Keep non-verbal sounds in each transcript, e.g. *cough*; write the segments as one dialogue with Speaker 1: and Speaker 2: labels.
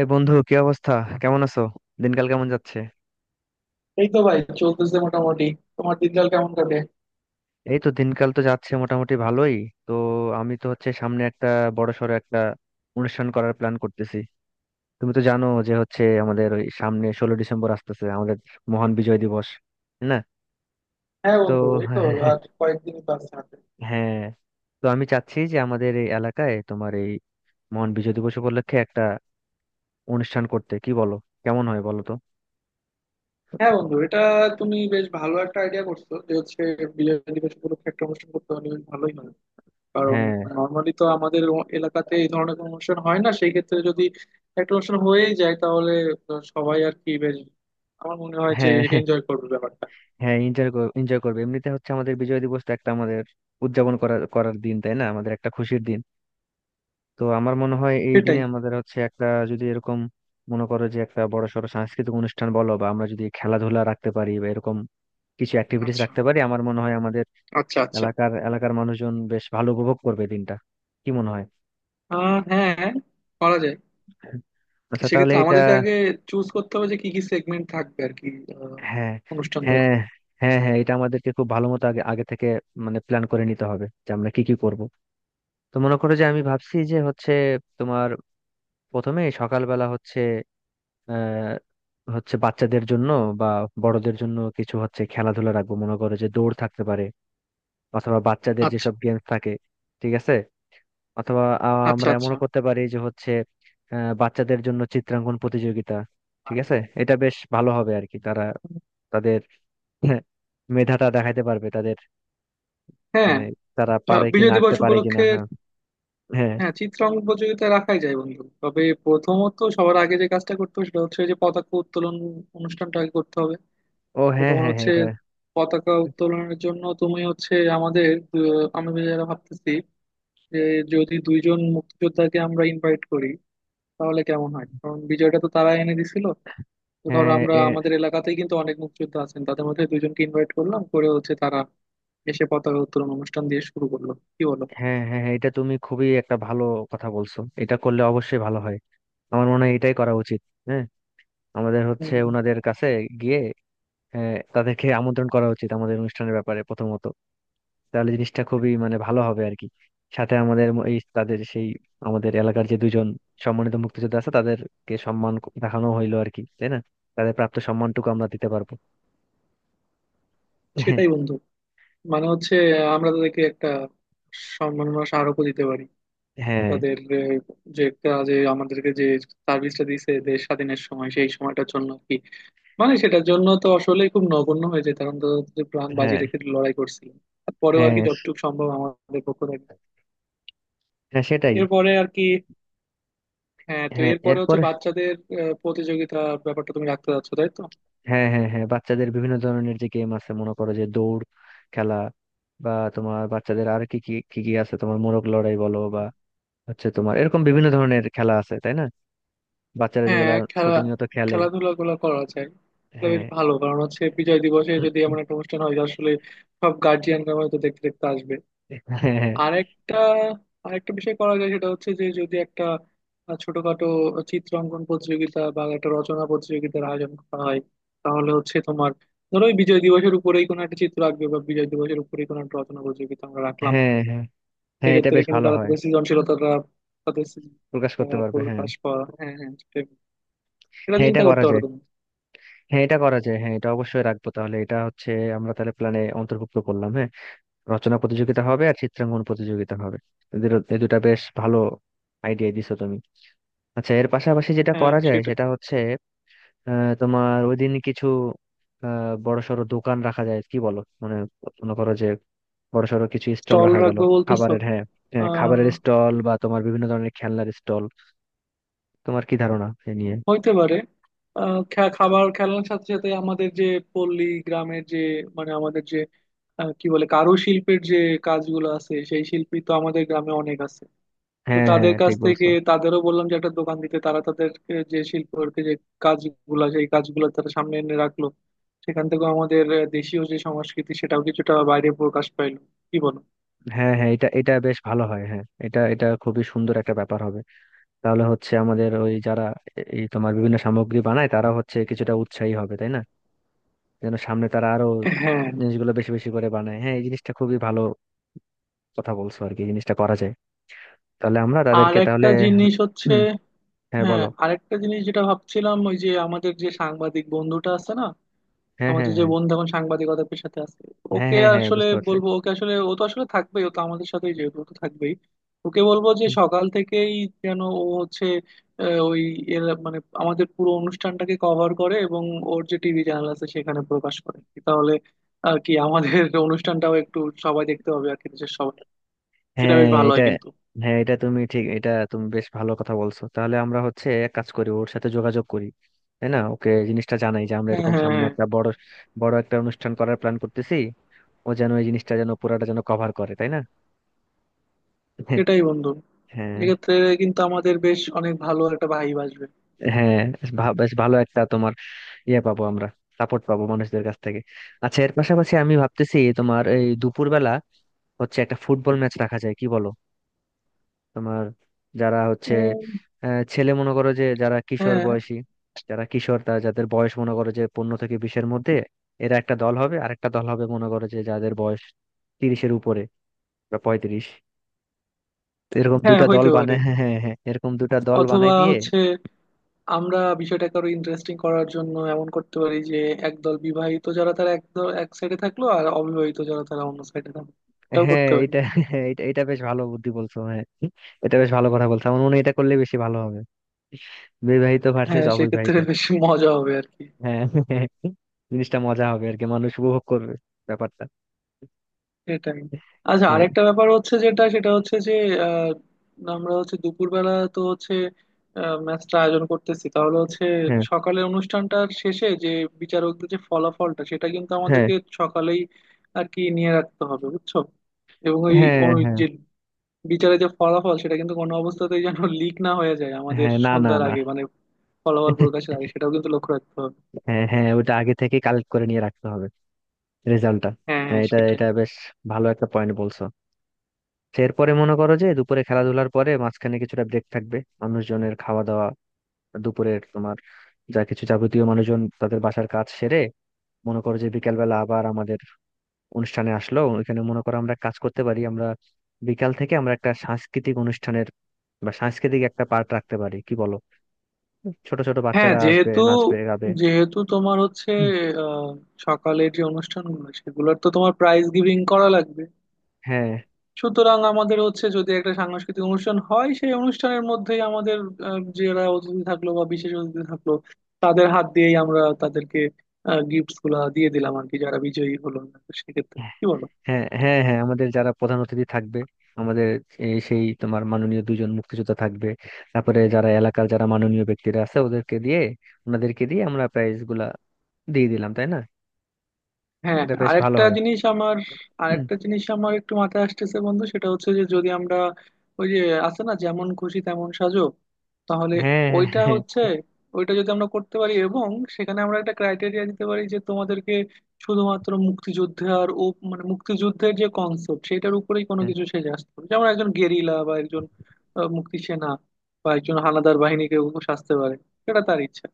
Speaker 1: এ বন্ধু, কি অবস্থা? কেমন আছো? দিনকাল কেমন যাচ্ছে?
Speaker 2: এই তো ভাই চলতেছে মোটামুটি। তোমার দিনকাল কেমন কাটে?
Speaker 1: এই তো, দিনকাল তো যাচ্ছে মোটামুটি ভালোই। তো আমি তো হচ্ছে সামনে একটা বড় সড়ো একটা অনুষ্ঠান করার প্ল্যান করতেছি। তুমি তো জানো যে হচ্ছে আমাদের ওই সামনে 16 ডিসেম্বর আসতেছে, আমাদের মহান বিজয় দিবস, তাই না?
Speaker 2: হ্যাঁ
Speaker 1: তো
Speaker 2: বন্ধু, এই তো আর
Speaker 1: *laughs*
Speaker 2: কয়েকদিনই তো আছে হাতে।
Speaker 1: হ্যাঁ, তো আমি চাচ্ছি যে আমাদের এই এলাকায় তোমার এই মহান বিজয় দিবস উপলক্ষে একটা অনুষ্ঠান করতে, কি বলো? কেমন হয় বলো তো?
Speaker 2: হ্যাঁ বন্ধু, এটা তুমি বেশ ভালো একটা আইডিয়া করছো যে হচ্ছে বিজয় দিবস উপলক্ষে একটা অনুষ্ঠান করতে পারলে বেশ ভালোই হয়। কারণ
Speaker 1: হ্যাঁ,
Speaker 2: নর্মালি তো আমাদের এলাকাতে এই ধরনের কোনো অনুষ্ঠান হয় না। সেই ক্ষেত্রে যদি একটা অনুষ্ঠান হয়েই যায় তাহলে তো সবাই আর কি বেশ, আমার মনে হয় যে
Speaker 1: হ্যাঁ, *laughs*
Speaker 2: এনজয় করবে ব্যাপারটা।
Speaker 1: হ্যাঁ, এনজয়, এনজয় করবে। এমনিতে হচ্ছে আমাদের বিজয় দিবস তো একটা আমাদের উদযাপন করার করার দিন, তাই না? আমাদের একটা খুশির দিন। তো আমার মনে হয় এই
Speaker 2: সেটাই।
Speaker 1: দিনে আমাদের হচ্ছে একটা, যদি এরকম মনে করো যে একটা বড়সড় সাংস্কৃতিক অনুষ্ঠান বলো, বা আমরা যদি খেলাধুলা রাখতে পারি, বা এরকম কিছু অ্যাক্টিভিটিস
Speaker 2: আচ্ছা,
Speaker 1: রাখতে পারি, আমার মনে হয় আমাদের
Speaker 2: আচ্ছা।
Speaker 1: এলাকার এলাকার মানুষজন বেশ ভালো উপভোগ করবে দিনটা। কি মনে হয়?
Speaker 2: আহ হ্যাঁ, করা যায়।
Speaker 1: আচ্ছা, তাহলে
Speaker 2: সেক্ষেত্রে
Speaker 1: এটা
Speaker 2: আমাদেরকে আগে চুজ করতে হবে যে কি কি সেগমেন্ট থাকবে আর কি আহ,
Speaker 1: হ্যাঁ, হ্যাঁ,
Speaker 2: অনুষ্ঠানটাতে।
Speaker 1: হ্যাঁ, হ্যাঁ, এটা আমাদেরকে খুব ভালো মতো আগে আগে থেকে মানে প্ল্যান করে নিতে হবে যে আমরা কি কি করব। তো মনে করো যে আমি ভাবছি যে হচ্ছে তোমার প্রথমে সকালবেলা হচ্ছে আহ হচ্ছে বাচ্চাদের জন্য বা বড়দের জন্য কিছু হচ্ছে খেলাধুলা রাখবো, মনে করো যে দৌড় থাকতে পারে, অথবা বাচ্চাদের
Speaker 2: আচ্ছা,
Speaker 1: যেসব গেমস থাকে। ঠিক আছে। অথবা
Speaker 2: আচ্ছা
Speaker 1: আমরা
Speaker 2: আচ্ছা
Speaker 1: এমনও করতে পারি যে হচ্ছে বাচ্চাদের জন্য চিত্রাঙ্কন প্রতিযোগিতা। ঠিক আছে। এটা বেশ ভালো হবে আর কি, তারা তাদের *laughs* মেধাটা দেখাইতে পারবে। তাদের
Speaker 2: হ্যাঁ।
Speaker 1: মানে তারা পারে
Speaker 2: বিজয়
Speaker 1: কিনা, আঁকতে
Speaker 2: দিবস
Speaker 1: পারে কিনা।
Speaker 2: উপলক্ষে
Speaker 1: হ্যাঁ, হ্যাঁ,
Speaker 2: হ্যাঁ চিত্রাঙ্কন প্রতিযোগিতা রাখাই যায় বন্ধু। তবে প্রথমত সবার আগে যে কাজটা করতে হবে সেটা হচ্ছে যে পতাকা উত্তোলন অনুষ্ঠানটা আগে করতে হবে।
Speaker 1: ও
Speaker 2: তো
Speaker 1: হ্যাঁ,
Speaker 2: তোমার
Speaker 1: হ্যাঁ, হ্যাঁ,
Speaker 2: হচ্ছে
Speaker 1: এটা
Speaker 2: পতাকা উত্তোলনের জন্য তুমি হচ্ছে আমাদের আমি যারা ভাবতেছি যে যদি দুইজন মুক্তিযোদ্ধাকে আমরা ইনভাইট করি তাহলে কেমন হয়? কারণ বিজয়টা তো তারা এনে দিছিল। তো ধরো
Speaker 1: হ্যাঁ,
Speaker 2: আমরা আমাদের এলাকাতেই কিন্তু অনেক মুক্তিযোদ্ধা আছেন, তাদের মধ্যে দুইজনকে ইনভাইট করলাম, করে হচ্ছে তারা এসে পতাকা উত্তোলন অনুষ্ঠান দিয়ে শুরু করলো, কি বলো?
Speaker 1: হ্যাঁ, হ্যাঁ, হ্যাঁ, এটা তুমি খুবই একটা ভালো কথা বলছো। এটা করলে অবশ্যই ভালো হয়। আমার মনে হয় এটাই করা উচিত। হ্যাঁ, আমাদের হচ্ছে
Speaker 2: হুম,
Speaker 1: ওনাদের কাছে গিয়ে হ্যাঁ, তাদেরকে আমন্ত্রণ করা উচিত আমাদের অনুষ্ঠানের ব্যাপারে প্রথমত। তাহলে জিনিসটা খুবই মানে ভালো হবে আর কি। সাথে আমাদের এই তাদের সেই আমাদের এলাকার যে দুজন সম্মানিত মুক্তিযোদ্ধা আছে তাদেরকে সম্মান দেখানো হইলো আর কি, তাই না? তাদের প্রাপ্ত সম্মানটুকু আমরা দিতে পারবো।
Speaker 2: সেটাই
Speaker 1: *laughs*
Speaker 2: বন্ধু। মানে হচ্ছে আমরা তাদেরকে একটা সম্মাননা স্মারকও দিতে পারি
Speaker 1: হ্যাঁ, হ্যাঁ,
Speaker 2: তাদের যে কাজে আমাদেরকে যে সার্ভিসটা দিয়েছে দেশ স্বাধীনের সময়, সেই সময়টার জন্য আর কি। মানে সেটার জন্য তো আসলে খুব নগণ্য হয়ে যেত, কারণ তারা তো প্রাণ বাজি
Speaker 1: হ্যাঁ,
Speaker 2: রেখে লড়াই করছিল। তারপরেও আর কি
Speaker 1: হ্যাঁ,
Speaker 2: যতটুকু সম্ভব আমাদের পক্ষ থেকে।
Speaker 1: হ্যাঁ, সেটাই।
Speaker 2: এরপরে আর কি হ্যাঁ, তো
Speaker 1: হ্যাঁ
Speaker 2: এরপরে হচ্ছে
Speaker 1: এরপরে
Speaker 2: বাচ্চাদের প্রতিযোগিতার ব্যাপারটা তুমি রাখতে যাচ্ছ, তাই তো?
Speaker 1: হ্যাঁ, হ্যাঁ, হ্যাঁ, বাচ্চাদের বিভিন্ন ধরনের যে গেম আছে, মনে করো যে দৌড় খেলা, বা তোমার বাচ্চাদের আর কি কি আছে, তোমার মোরগ লড়াই বলো, বা হচ্ছে তোমার এরকম বিভিন্ন ধরনের খেলা আছে, তাই না? বাচ্চারা যেগুলা
Speaker 2: হ্যাঁ, খেলা
Speaker 1: প্রতিনিয়ত খেলে।
Speaker 2: খেলাধুলা গুলো করা যায়। এটা বেশ
Speaker 1: হ্যাঁ,
Speaker 2: ভালো, কারণ হচ্ছে বিজয় দিবসে যদি এমন একটা অনুষ্ঠান হয় যে আসলে সব গার্জিয়ানরা হয়তো দেখতে দেখতে আসবে।
Speaker 1: হ্যাঁ, হ্যাঁ,
Speaker 2: আরেকটা আরেকটা বিষয় করা যায় সেটা হচ্ছে যে যদি একটা ছোটখাটো চিত্রাঙ্কন প্রতিযোগিতা বা একটা রচনা প্রতিযোগিতার আয়োজন করা হয়, তাহলে হচ্ছে তোমার ধরো ওই বিজয় দিবসের উপরেই কোনো একটা চিত্র আঁকবে বা বিজয় দিবসের উপরেই কোনো একটা রচনা প্রতিযোগিতা আমরা রাখলাম।
Speaker 1: হ্যাঁ, হ্যাঁ, হ্যাঁ, এটা
Speaker 2: সেক্ষেত্রে
Speaker 1: বেশ
Speaker 2: কিন্তু
Speaker 1: ভালো
Speaker 2: তারা
Speaker 1: হয়,
Speaker 2: তাদের সৃজনশীলতাটা, তাদের
Speaker 1: প্রকাশ
Speaker 2: সৃজনশীলতা
Speaker 1: করতে পারবে। হ্যাঁ,
Speaker 2: প্রকাশ পাওয়া, হ্যাঁ হ্যাঁ, সেটাই। এটা
Speaker 1: হ্যাঁ, এটা
Speaker 2: চিন্তা করতে
Speaker 1: করা
Speaker 2: পারো
Speaker 1: যায়,
Speaker 2: তুমি।
Speaker 1: হ্যাঁ এটা করা যায়, হ্যাঁ এটা অবশ্যই রাখবো। তাহলে এটা হচ্ছে আমরা তাহলে প্ল্যানে অন্তর্ভুক্ত করলাম, হ্যাঁ। রচনা প্রতিযোগিতা হবে আর চিত্রাঙ্কন প্রতিযোগিতা হবে। এদের এই দুটা বেশ ভালো আইডিয়া দিছো তুমি। আচ্ছা, এর পাশাপাশি যেটা
Speaker 2: হ্যাঁ
Speaker 1: করা যায়
Speaker 2: সেটাই।
Speaker 1: সেটা হচ্ছে তোমার ওই দিন কিছু বড়সড় দোকান রাখা যায়, কি বলো? মানে মনে করো যে বড়সড় কিছু স্টল
Speaker 2: স্টল
Speaker 1: রাখা গেল।
Speaker 2: রাখবো বলতেছো?
Speaker 1: খাবারের, হ্যাঁ, হ্যাঁ, খাবারের
Speaker 2: আহ
Speaker 1: স্টল, বা তোমার বিভিন্ন ধরনের খেলনার স্টল। তোমার কি ধারণা এ নিয়ে?
Speaker 2: হইতে পারে। আহ খাবার খেলার সাথে সাথে আমাদের যে পল্লী গ্রামের যে, মানে আমাদের যে কি বলে কারুশিল্পের যে কাজগুলো আছে, সেই শিল্পী তো আমাদের গ্রামে অনেক আছে। তো
Speaker 1: হ্যাঁ,
Speaker 2: তাদের
Speaker 1: হ্যাঁ,
Speaker 2: কাছ
Speaker 1: ঠিক
Speaker 2: থেকে
Speaker 1: বলছো।
Speaker 2: তাদেরও বললাম যে একটা দোকান দিতে, তারা তাদেরকে যে শিল্পের যে কাজগুলা সেই কাজগুলো তারা সামনে এনে রাখলো। সেখান থেকেও আমাদের দেশীয় যে সংস্কৃতি সেটাও কিছুটা বাইরে প্রকাশ পাইলো। কি বলো?
Speaker 1: হ্যাঁ, হ্যাঁ, এটা এটা বেশ ভালো হয়, হ্যাঁ এটা এটা খুবই সুন্দর একটা ব্যাপার হবে। তাহলে হচ্ছে আমাদের ওই যারা এই তোমার বিভিন্ন সামগ্রী বানায়, তারা হচ্ছে কিছুটা উৎসাহী হবে, তাই না? যেন সামনে তারা আরো
Speaker 2: হ্যাঁ,
Speaker 1: জিনিসগুলো বেশি বেশি করে বানায়। হ্যাঁ, এই জিনিসটা খুবই ভালো কথা বলছো আর কি, জিনিসটা করা যায়। তাহলে আমরা
Speaker 2: আর
Speaker 1: তাদেরকে
Speaker 2: একটা
Speaker 1: তাহলে
Speaker 2: জিনিস হচ্ছে,
Speaker 1: হুম, হ্যাঁ
Speaker 2: হ্যাঁ
Speaker 1: বলো।
Speaker 2: আরেকটা জিনিস যেটা ভাবছিলাম ওই যে আমাদের যে সাংবাদিক বন্ধুটা আছে না,
Speaker 1: হ্যাঁ, হ্যাঁ,
Speaker 2: আমাদের যে
Speaker 1: হ্যাঁ,
Speaker 2: বন্ধু এখন সাংবাদিকতার পেশাতে আছে,
Speaker 1: হ্যাঁ,
Speaker 2: ওকে
Speaker 1: হ্যাঁ, হ্যাঁ,
Speaker 2: আসলে
Speaker 1: বুঝতে পারছি।
Speaker 2: বলবো। ওকে আসলে, ও তো আসলে থাকবেই, ও তো আমাদের সাথেই যেহেতু ও তো থাকবেই, ওকে বলবো যে
Speaker 1: হুম,
Speaker 2: সকাল থেকেই যেন ও হচ্ছে ওই মানে আমাদের পুরো অনুষ্ঠানটাকে কভার করে এবং ওর যে টিভি চ্যানেল আছে সেখানে প্রকাশ করে। তাহলে আর কি আমাদের *laughs* অনুষ্ঠানটাও একটু সবাই দেখতে হবে আর কি, দেশের সবাই। এটা বেশ
Speaker 1: হ্যাঁ
Speaker 2: ভালো
Speaker 1: এটা
Speaker 2: হয় কিন্তু।
Speaker 1: হ্যাঁ, এটা তুমি ঠিক, এটা তুমি বেশ ভালো কথা বলছো। তাহলে আমরা হচ্ছে এক কাজ করি, ওর সাথে যোগাযোগ করি, তাই না? ওকে জিনিসটা জানাই যে আমরা
Speaker 2: হ্যাঁ,
Speaker 1: এরকম
Speaker 2: হ্যাঁ,
Speaker 1: সামনে
Speaker 2: হ্যাঁ,
Speaker 1: একটা বড় বড় একটা অনুষ্ঠান করার প্ল্যান করতেছি, ও যেন এই জিনিসটা যেন পুরাটা যেন কভার করে, তাই না? *laughs*
Speaker 2: সেটাই বন্ধু।
Speaker 1: হ্যাঁ,
Speaker 2: এক্ষেত্রে কিন্তু আমাদের বেশ অনেক ভালো একটা ভাইব আসবে।
Speaker 1: হ্যাঁ, বেশ ভালো একটা তোমার ইয়ে পাবো আমরা, সাপোর্ট পাবো মানুষদের কাছ থেকে। আচ্ছা, এর পাশাপাশি আমি ভাবতেছি তোমার এই দুপুরবেলা হচ্ছে একটা ফুটবল ম্যাচ রাখা যায়, কি বলো? তোমার যারা হচ্ছে
Speaker 2: উম,
Speaker 1: ছেলে মনে করো যে যারা কিশোর
Speaker 2: হ্যাঁ
Speaker 1: বয়সী, যারা কিশোর, তারা যাদের বয়স মনে করো যে 15 থেকে 20-এর মধ্যে, এরা একটা দল হবে, আর একটা দল হবে মনে করো যে যাদের বয়স 30-এর উপরে বা 35। তো এরকম
Speaker 2: হ্যাঁ,
Speaker 1: দুটা দল
Speaker 2: হইতে পারে।
Speaker 1: বানায় হ্যাঁ, হ্যাঁ, হ্যাঁ, এরকম দুটা দল
Speaker 2: অথবা
Speaker 1: বানাই দিয়ে
Speaker 2: হচ্ছে আমরা বিষয়টাকে আরো ইন্টারেস্টিং করার জন্য এমন করতে পারি যে একদল বিবাহিত যারা তারা একদল এক সাইডে থাকলো, আর অবিবাহিত যারা তারা অন্য সাইডে থাকলো। এটাও
Speaker 1: হ্যাঁ
Speaker 2: করতে পারি।
Speaker 1: এটা হ্যাঁ, এটা এটা বেশ ভালো বুদ্ধি বলছো। হ্যাঁ, এটা বেশ ভালো কথা বলছো, আমার মনে হয় এটা করলে বেশি ভালো হবে। বিবাহিত ভার্সেস
Speaker 2: হ্যাঁ,
Speaker 1: অবিবাহিত
Speaker 2: সেক্ষেত্রে বেশ মজা হবে আর কি।
Speaker 1: হ্যাঁ, হ্যাঁ, হ্যাঁ, জিনিসটা মজা হবে আর কি, মানুষ উপভোগ করবে ব্যাপারটা।
Speaker 2: এটাই। আচ্ছা,
Speaker 1: হ্যাঁ,
Speaker 2: আরেকটা ব্যাপার হচ্ছে যেটা সেটা হচ্ছে যে আহ আমরা হচ্ছে দুপুরবেলা তো হচ্ছে ম্যাচটা আয়োজন করতেছি, তাহলে হচ্ছে
Speaker 1: হ্যাঁ,
Speaker 2: সকালে অনুষ্ঠানটার শেষে যে বিচারকদের যে ফলাফলটা সেটা কিন্তু
Speaker 1: হ্যাঁ,
Speaker 2: আমাদেরকে সকালেই আর কি নিয়ে রাখতে হবে, বুঝছো? এবং ওই
Speaker 1: হ্যাঁ,
Speaker 2: ওই
Speaker 1: হ্যাঁ,
Speaker 2: যে বিচারে যে ফলাফল সেটা কিন্তু কোনো অবস্থাতেই যেন লিক না হয়ে যায় আমাদের
Speaker 1: হ্যাঁ, না, না,
Speaker 2: সন্ধ্যার
Speaker 1: না,
Speaker 2: আগে, মানে ফলাফল
Speaker 1: *laughs*
Speaker 2: প্রকাশের আগে। সেটাও কিন্তু লক্ষ্য রাখতে হবে।
Speaker 1: হ্যাঁ, হ্যাঁ, ওটা আগে থেকে কালেক্ট করে নিয়ে রাখতে হবে, রেজাল্টটা।
Speaker 2: হ্যাঁ হ্যাঁ
Speaker 1: হ্যাঁ, এটা
Speaker 2: সেটাই।
Speaker 1: এটা বেশ ভালো একটা পয়েন্ট বলছো। তো এরপরে মনে করো যে দুপুরে খেলাধুলার পরে মাঝখানে কিছুটা ব্রেক থাকবে, মানুষজনের খাওয়া দাওয়া, দুপুরের তোমার যা কিছু যাবতীয় মানুষজন তাদের বাসার কাজ সেরে মনে করো যে বিকালবেলা আবার আমাদের অনুষ্ঠানে আসলো, ওইখানে মনে করো আমরা কাজ করতে পারি, আমরা বিকাল থেকে আমরা একটা সাংস্কৃতিক অনুষ্ঠানের বা সাংস্কৃতিক একটা পার্ট রাখতে পারি, কি বলো? ছোট ছোট
Speaker 2: হ্যাঁ,
Speaker 1: বাচ্চারা আসবে,
Speaker 2: যেহেতু
Speaker 1: নাচবে, গাবে।
Speaker 2: যেহেতু তোমার হচ্ছে
Speaker 1: হুম,
Speaker 2: আহ, সকালের যে অনুষ্ঠানগুলো সেগুলোর তো তোমার প্রাইজ গিভিং করা লাগবে,
Speaker 1: হ্যাঁ,
Speaker 2: সুতরাং আমাদের হচ্ছে যদি একটা সাংস্কৃতিক অনুষ্ঠান হয় সেই অনুষ্ঠানের মধ্যেই আমাদের যারা অতিথি থাকলো বা বিশেষ অতিথি থাকলো, তাদের হাত দিয়েই আমরা তাদেরকে গিফট গুলা দিয়ে দিলাম আর কি, যারা বিজয়ী হলো। সেক্ষেত্রে কি বলো?
Speaker 1: হ্যাঁ, হ্যাঁ, হ্যাঁ, আমাদের যারা প্রধান অতিথি থাকবে আমাদের এই সেই তোমার মাননীয় দুজন মুক্তিযোদ্ধা থাকবে, তারপরে যারা এলাকার যারা মাননীয় ব্যক্তিরা আছে ওদেরকে দিয়ে, ওনাদেরকে দিয়ে আমরা প্রাইজ গুলা দিয়ে দিলাম, তাই না?
Speaker 2: হ্যাঁ,
Speaker 1: এটা বেশ ভালো
Speaker 2: আরেকটা
Speaker 1: হয়।
Speaker 2: জিনিস আমার,
Speaker 1: হুম,
Speaker 2: আরেকটা জিনিস আমার একটু মাথায় আসতেছে বন্ধু সেটা হচ্ছে যে যদি আমরা ওই যে আছে না যেমন খুশি তেমন সাজো, তাহলে
Speaker 1: হ্যাঁ,
Speaker 2: ওইটা
Speaker 1: হ্যাঁ,
Speaker 2: হচ্ছে ওইটা যদি আমরা করতে পারি, এবং সেখানে আমরা একটা ক্রাইটেরিয়া দিতে পারি যে তোমাদেরকে শুধুমাত্র মুক্তিযুদ্ধে আর ও, মানে মুক্তিযুদ্ধের যে কনসেপ্ট সেটার উপরেই কোনো
Speaker 1: হ্যাঁ,
Speaker 2: কিছু সেজে আসতে হবে, যেমন একজন গেরিলা বা একজন মুক্তিসেনা বা একজন হানাদার বাহিনীকে ও সাজতে পারে, সেটা তার ইচ্ছা।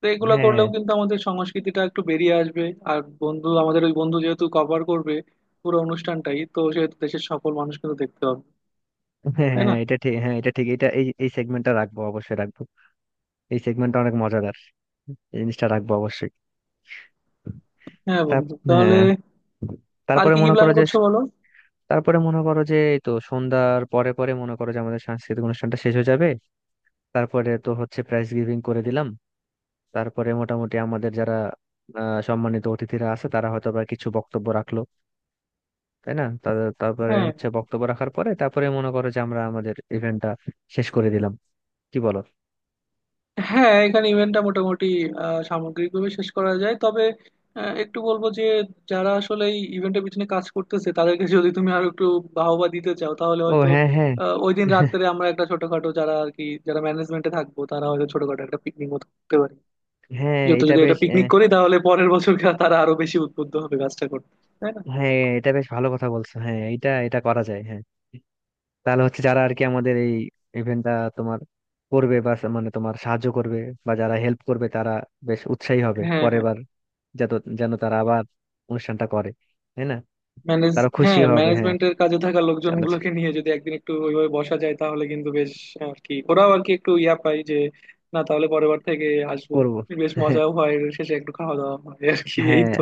Speaker 2: তো এগুলো
Speaker 1: হ্যাঁ,
Speaker 2: করলেও কিন্তু আমাদের সংস্কৃতিটা একটু বেরিয়ে আসবে। আর বন্ধু আমাদের ওই বন্ধু যেহেতু কভার করবে পুরো অনুষ্ঠানটাই, তো সেহেতু দেশের সকল মানুষ কিন্তু দেখতে পাবে,
Speaker 1: হ্যাঁ,
Speaker 2: তাই না?
Speaker 1: হ্যাঁ, এটা ঠিক, হ্যাঁ এটা ঠিক, এটা এই এই সেগমেন্টটা রাখবো, অবশ্যই রাখবো। এই সেগমেন্টটা অনেক মজাদার, এই জিনিসটা রাখবো অবশ্যই।
Speaker 2: হ্যাঁ
Speaker 1: তার
Speaker 2: বন্ধু। তাহলে
Speaker 1: হ্যাঁ,
Speaker 2: আর
Speaker 1: তারপরে
Speaker 2: কি কি
Speaker 1: মনে
Speaker 2: প্ল্যান
Speaker 1: করো যে
Speaker 2: করছো বলো।
Speaker 1: তারপরে মনে করো যে এই তো সন্ধ্যার পরে পরে মনে করো যে আমাদের সাংস্কৃতিক অনুষ্ঠানটা শেষ হয়ে যাবে, তারপরে তো হচ্ছে প্রাইজ গিভিং করে দিলাম, তারপরে মোটামুটি আমাদের যারা সম্মানিত অতিথিরা আছে তারা হয়তো বা কিছু বক্তব্য রাখলো, তাই না? তারপরে
Speaker 2: হ্যাঁ
Speaker 1: হচ্ছে বক্তব্য রাখার পরে তারপরে মনে করো যে আমরা আমাদের ইভেন্টটা শেষ করে দিলাম, কি বলো?
Speaker 2: হ্যাঁ, এখানে ইভেন্টটা মোটামুটি সামগ্রিকভাবে শেষ করা যায়, তবে একটু বলবো যে যারা আসলে এই ইভেন্টের পিছনে কাজ করতেছে তাদেরকে যদি তুমি আরো একটু বাহবা দিতে চাও, তাহলে
Speaker 1: ও
Speaker 2: হয়তো
Speaker 1: হ্যাঁ, হ্যাঁ,
Speaker 2: ওই দিন
Speaker 1: *laughs*
Speaker 2: রাত্রে আমরা একটা ছোটখাটো, যারা আর কি যারা ম্যানেজমেন্টে থাকবো তারা হয়তো ছোটখাটো একটা পিকনিক মতো করতে পারি।
Speaker 1: হ্যাঁ
Speaker 2: যত
Speaker 1: এটা
Speaker 2: যদি এটা
Speaker 1: বেশ
Speaker 2: পিকনিক করি তাহলে পরের বছর তারা আরো বেশি উদ্বুদ্ধ হবে কাজটা করতে, তাই না?
Speaker 1: হ্যাঁ এটা বেশ ভালো কথা বলছো, হ্যাঁ এটা এটা করা যায়, হ্যাঁ। তাহলে হচ্ছে যারা আর কি আমাদের এই ইভেন্টটা তোমার করবে, বা মানে তোমার সাহায্য করবে বা যারা হেল্প করবে তারা বেশ উৎসাহী হবে
Speaker 2: হ্যাঁ
Speaker 1: পরের
Speaker 2: হ্যাঁ
Speaker 1: বার, যাতে যেন তারা আবার অনুষ্ঠানটা করে, তাই না?
Speaker 2: ম্যানেজ,
Speaker 1: তারা খুশি
Speaker 2: হ্যাঁ
Speaker 1: হবে, হ্যাঁ।
Speaker 2: ম্যানেজমেন্টের কাজে থাকা লোকজন
Speaker 1: জানাচ্ছে
Speaker 2: গুলোকে নিয়ে যদি একদিন একটু ওইভাবে বসা যায়, তাহলে কিন্তু বেশ আর কি ওরাও আর কি একটু ইয়া পায় যে না তাহলে পরের বার থেকে আসবো।
Speaker 1: করবো
Speaker 2: বেশ মজাও হয়, এর শেষে একটু খাওয়া দাওয়া হয় আর কি, এই
Speaker 1: হ্যাঁ,
Speaker 2: তো।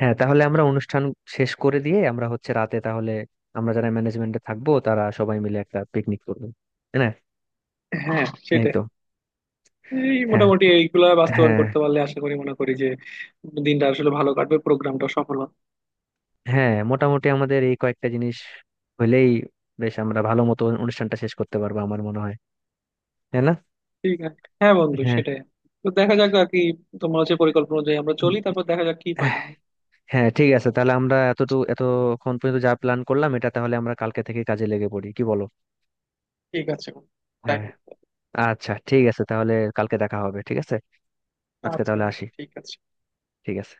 Speaker 1: হ্যাঁ, তাহলে আমরা অনুষ্ঠান শেষ করে দিয়ে আমরা হচ্ছে রাতে তাহলে আমরা যারা ম্যানেজমেন্টে থাকবো তারা সবাই মিলে একটা পিকনিক করবো, তাই না?
Speaker 2: হ্যাঁ
Speaker 1: এই
Speaker 2: সেটাই।
Speaker 1: তো
Speaker 2: এই
Speaker 1: হ্যাঁ,
Speaker 2: মোটামুটি এইগুলা বাস্তবায়ন
Speaker 1: হ্যাঁ,
Speaker 2: করতে পারলে আশা করি, মনে করি যে দিনটা আসলে ভালো কাটবে, প্রোগ্রামটা সফল হবে।
Speaker 1: হ্যাঁ, মোটামুটি আমাদের এই কয়েকটা জিনিস হইলেই বেশ আমরা ভালো মতো অনুষ্ঠানটা শেষ করতে পারবো আমার মনে হয়, তাই না?
Speaker 2: ঠিক আছে হ্যাঁ বন্ধু,
Speaker 1: হ্যাঁ,
Speaker 2: সেটাই। তো দেখা যাক আর কি, তোমার হচ্ছে পরিকল্পনা অনুযায়ী আমরা চলি, তারপর দেখা যাক কি হয় না হয়।
Speaker 1: হ্যাঁ, ঠিক আছে, তাহলে আমরা এতটুকু এতক্ষণ পর্যন্ত যা প্ল্যান করলাম এটা তাহলে আমরা কালকে থেকে কাজে লেগে পড়ি, কি বলো?
Speaker 2: ঠিক আছে বন্ধু। তাই
Speaker 1: হ্যাঁ,
Speaker 2: হোক।
Speaker 1: আচ্ছা ঠিক আছে, তাহলে কালকে দেখা হবে, ঠিক আছে? আজকে
Speaker 2: আচ্ছা
Speaker 1: তাহলে
Speaker 2: বন্ধু,
Speaker 1: আসি।
Speaker 2: ঠিক আছে।
Speaker 1: ঠিক আছে।